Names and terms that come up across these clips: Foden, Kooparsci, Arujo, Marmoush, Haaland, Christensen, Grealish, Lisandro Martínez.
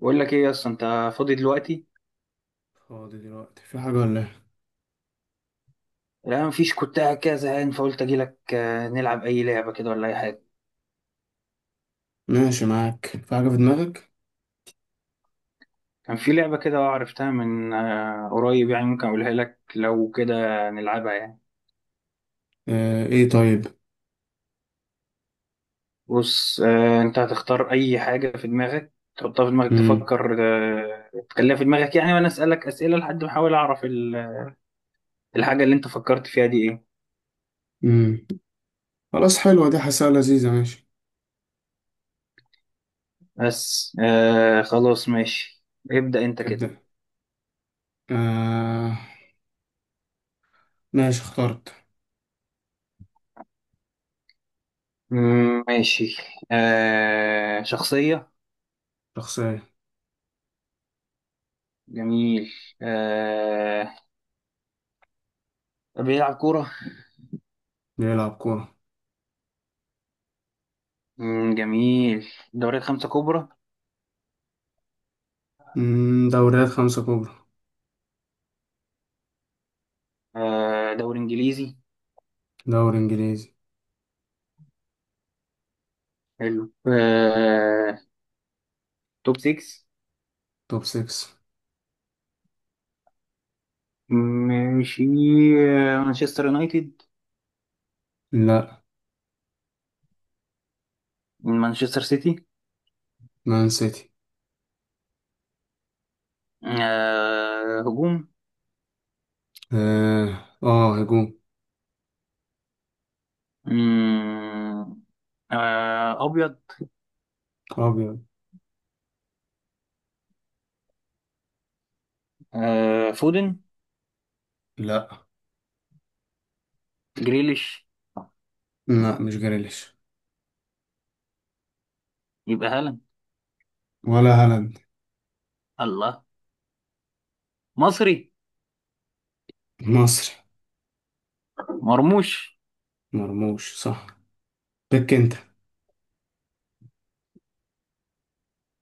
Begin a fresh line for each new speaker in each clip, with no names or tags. بقول لك ايه يا اسطى؟ انت فاضي دلوقتي؟
فاضي دلوقتي في حاجة ولا إيه؟
لا مفيش، كنت قاعد كده زهقان فقلت اجي لك، نلعب اي لعبه كده ولا اي حاجه.
ماشي، معاك في حاجة في دماغك؟
كان في لعبه كده عرفتها من قريب، يعني ممكن اقولها لك لو كده نلعبها يعني.
آه، إيه طيب؟
بص، انت هتختار اي حاجه في دماغك، تحطها في دماغك،
مم.
تفكر. تخليها في دماغك يعني، وانا اسالك اسئله لحد ما احاول اعرف الحاجه اللي انت فكرت فيها دي ايه.
مم. خلاص، حلوة دي، حاسها لذيذة. ماشي.
بس، خلاص، ماشي. ابدا انت كده.
تبدأ. آه. ماشي، اخترت.
مم، ماشي. شخصيه.
شخصية.
جميل. آه. بيلعب كورة.
بيلعب كورة.
مم، جميل. دوريات خمسة كبرى.
مم. دوريات 5 كبرى.
دوري إنجليزي.
دوري إنجليزي.
حلو آه. توب 6.
توب 6.
ماشي. مانشستر يونايتد.
لا.
مانشستر سيتي.
مان سيتي.
هجوم.
آه آه، هجوم.
مم. أبيض.
أبيض.
فودن.
لا.
جريليش.
لا، مش جريليش.
يبقى هالاند.
ولا هالاند.
الله. مصري.
مصري.
مرموش.
مرموش صح. بك أنت.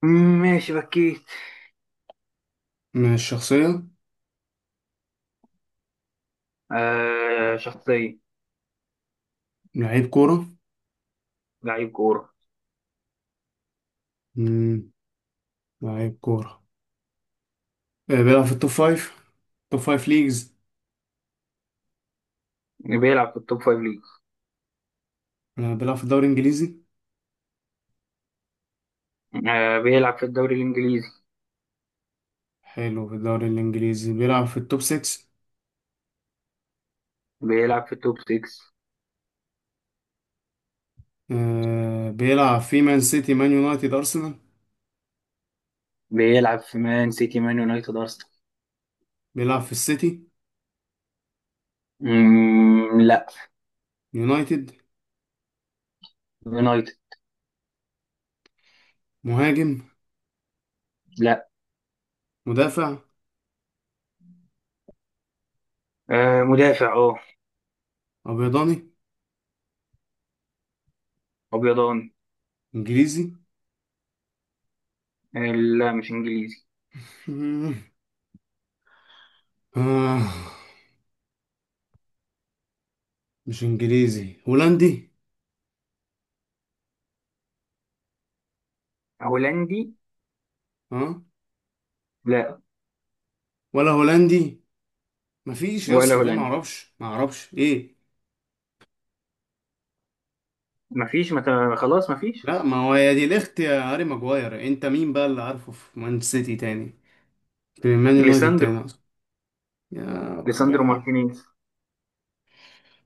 مم، ماشي بكيت.
مش شخصية.
شخصية.
لعيب كورة.
لعيب كورة.
مم. لعيب كورة. بيلعب في التوب 5. توب 5 ليجز.
بيلعب في التوب فايف ليج.
بيلعب في الدوري الإنجليزي.
بيلعب في الدوري الإنجليزي.
حلو، في الدوري الإنجليزي بيلعب في التوب 6.
بيلعب في التوب 6.
بيلعب في مان سيتي، مان يونايتد، أرسنال.
بيلعب في مان سيتي مان يونايتد أرسنال.
بيلعب في السيتي.
مم، لا.
يونايتد.
يونايتد.
مهاجم.
لا.
مدافع.
مدافع اه.
أبيضاني.
أبيضان.
إنجليزي.
آه، لا مش إنجليزي
آه، مش إنجليزي، هولندي.
هولندي.
ها.
لا.
ولا هولندي. مفيش يا
ولا
اسطى، ده
هولندي.
معرفش إيه.
مفيش خلاص، مفيش.
لا، ما هو يا دي الاخت يا هاري ماجواير، انت مين بقى اللي عارفه في مان سيتي تاني، في مان يونايتد
ليساندرو.
تاني أصلا؟ يا
ليساندرو
ربنا.
مارتينيز.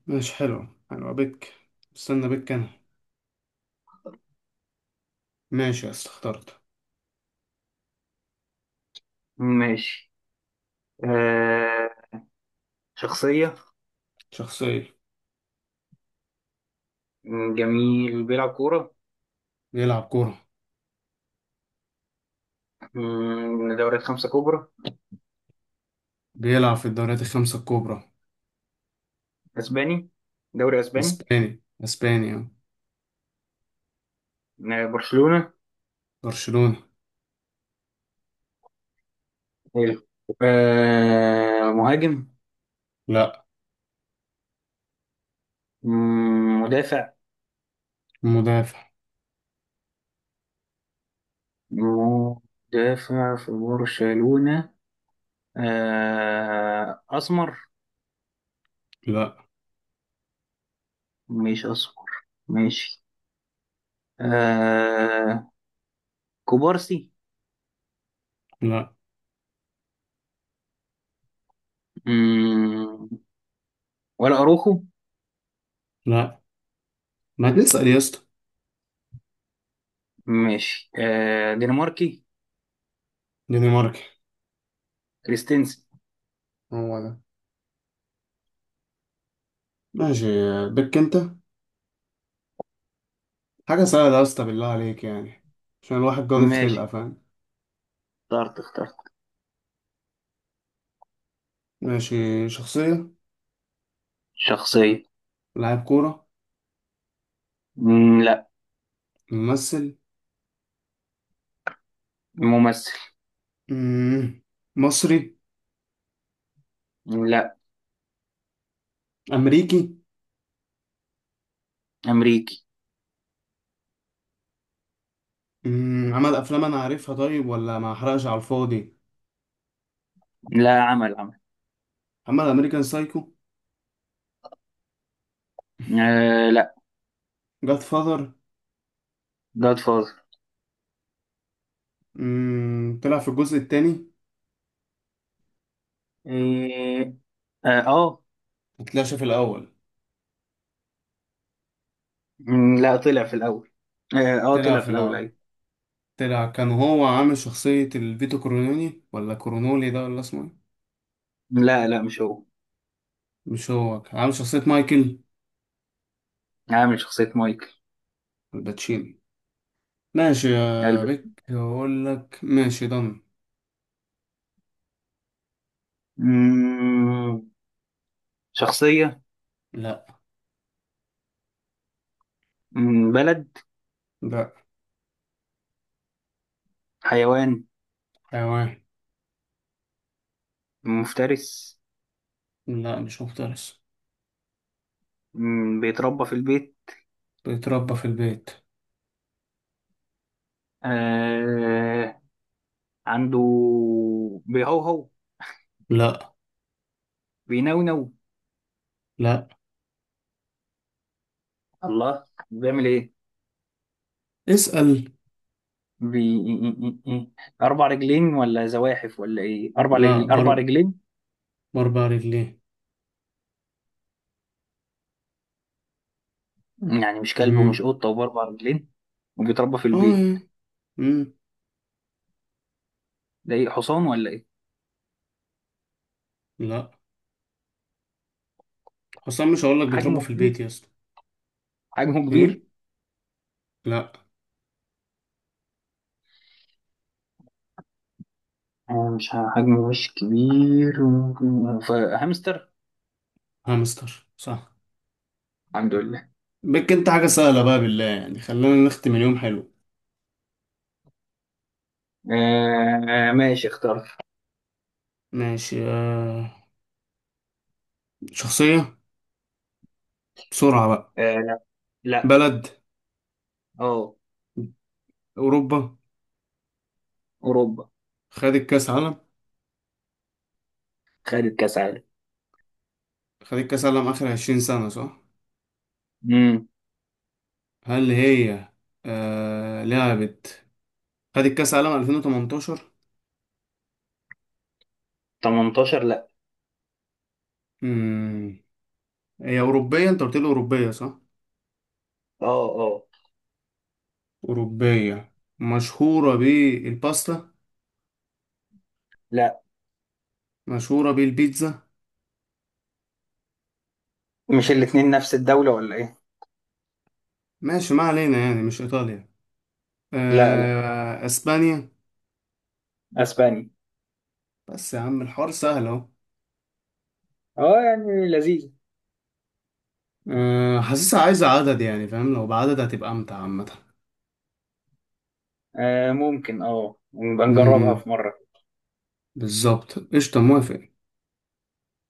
ماشي، حلو حلو، بك. استنى بك أنا. ماشي يا اسطى، اخترت.
ماشي. آه، شخصية.
شخصية.
مم، جميل، بيلعب كورة.
بيلعب كورة.
مم، دوريات خمسة كبرى.
بيلعب في الدوريات الـ5 الكبرى.
أسباني. دوري أسباني.
اسباني، اسبانيا.
برشلونة.
برشلونة.
حلو. مهاجم.
لا.
مم، مدافع.
مدافع.
مدافع في برشلونة. أسمر.
لا.
مش أسمر. ماشي. آه. كوبارسي.
لا.
مم. ولا أروخو.
لا، ما تسأل يا اسطى.
ماشي، دنماركي.
دنماركي.
كريستنسن.
هو ده. ماشي. بك انت. حاجة سهلة يا اسطى بالله عليك يعني، عشان الواحد جاضي
ماشي.
خلقة فاهم.
اخترت اخترت.
ماشي. شخصية.
شخصية.
لاعب كورة.
مم، لا.
ممثل.
ممثل.
مم، مصري.
لا.
امريكي.
أمريكي.
عمل افلام انا عارفها، طيب ولا ما احرقش على الفاضي؟
لا، عمل عمل.
عمل امريكان سايكو.
لا.
جاد فاذر.
جاد فاذر.
طلع في الجزء التاني.
إيه. اه آه.
مطلعش في الاول.
مم، لا، طلع في الاول. اه آه،
طلع
طلع في
في
الاول،
الاول.
ايوه.
طلع، كان هو عامل شخصية الفيتو كورونولي، ولا كورونولي ده، ولا اسمه إيه؟
لا لا مش هو.
مش هو، كان عامل شخصية مايكل.
عامل شخصية مايكل.
الباتشيني. ماشي يا
قلبت.
بيك، اقول لك ماشي ضن.
مم، شخصية.
لا.
مم، بلد.
لا.
حيوان.
حيوان.
مفترس.
لا مش مفترس.
مم، بيتربى في البيت.
بيتربى في البيت.
آه. عنده. بيهوهو.
لا.
بينونو.
لا.
الله، بيعمل ايه.
اسأل.
إيه، إيه، إيه، إيه. اربع رجلين ولا زواحف ولا ايه،
لا
اربع
برضه.
رجلين.
باربع رجلين.
يعني مش كلب ومش
امم.
قطة وبأربع رجلين. وبيتربى في
اه.
البيت.
امم.
ده ايه، حصان ولا ايه.
لا، حسام مش هقول لك بيتربى
حجمه
في
كبير.
البيت يا اسطى.
حجمه
ايه.
كبير.
لا.
مش حجمه مش كبير، فهامستر.
هامستر صح.
الحمد لله.
بك انت، حاجة سهلة بقى بالله يعني، خلينا نختم اليوم. حلو.
ماشي، اخترت.
ماشي. آه. شخصية. بسرعة بقى.
لا. لا.
بلد.
اه.
أوروبا.
اوروبا.
خدت كأس عالم.
خدت كاس عالم.
خدت كأس عالم آخر 20 سنة صح.
امم.
هل هي آه. لعبت. خدت كأس عالم 2018.
18 لا.
امم. هي أوروبية، انت قلت لي أوروبية صح.
اه اه.
أوروبية. مشهورة بالباستا.
لا.
مشهورة بالبيتزا.
مش الاتنين نفس الدولة ولا ايه.
ماشي ما علينا، يعني مش إيطاليا.
لا لا
أسبانيا.
اسبانيا.
بس يا عم الحوار سهل أهو.
اه، يعني لذيذ.
آه، حاسسها عايزة عدد يعني، فاهم، لو بعدد هتبقى أمتع عامة.
آه، ممكن، نبقى نجربها
أمم،
في مرة.
بالظبط قشطة موافق.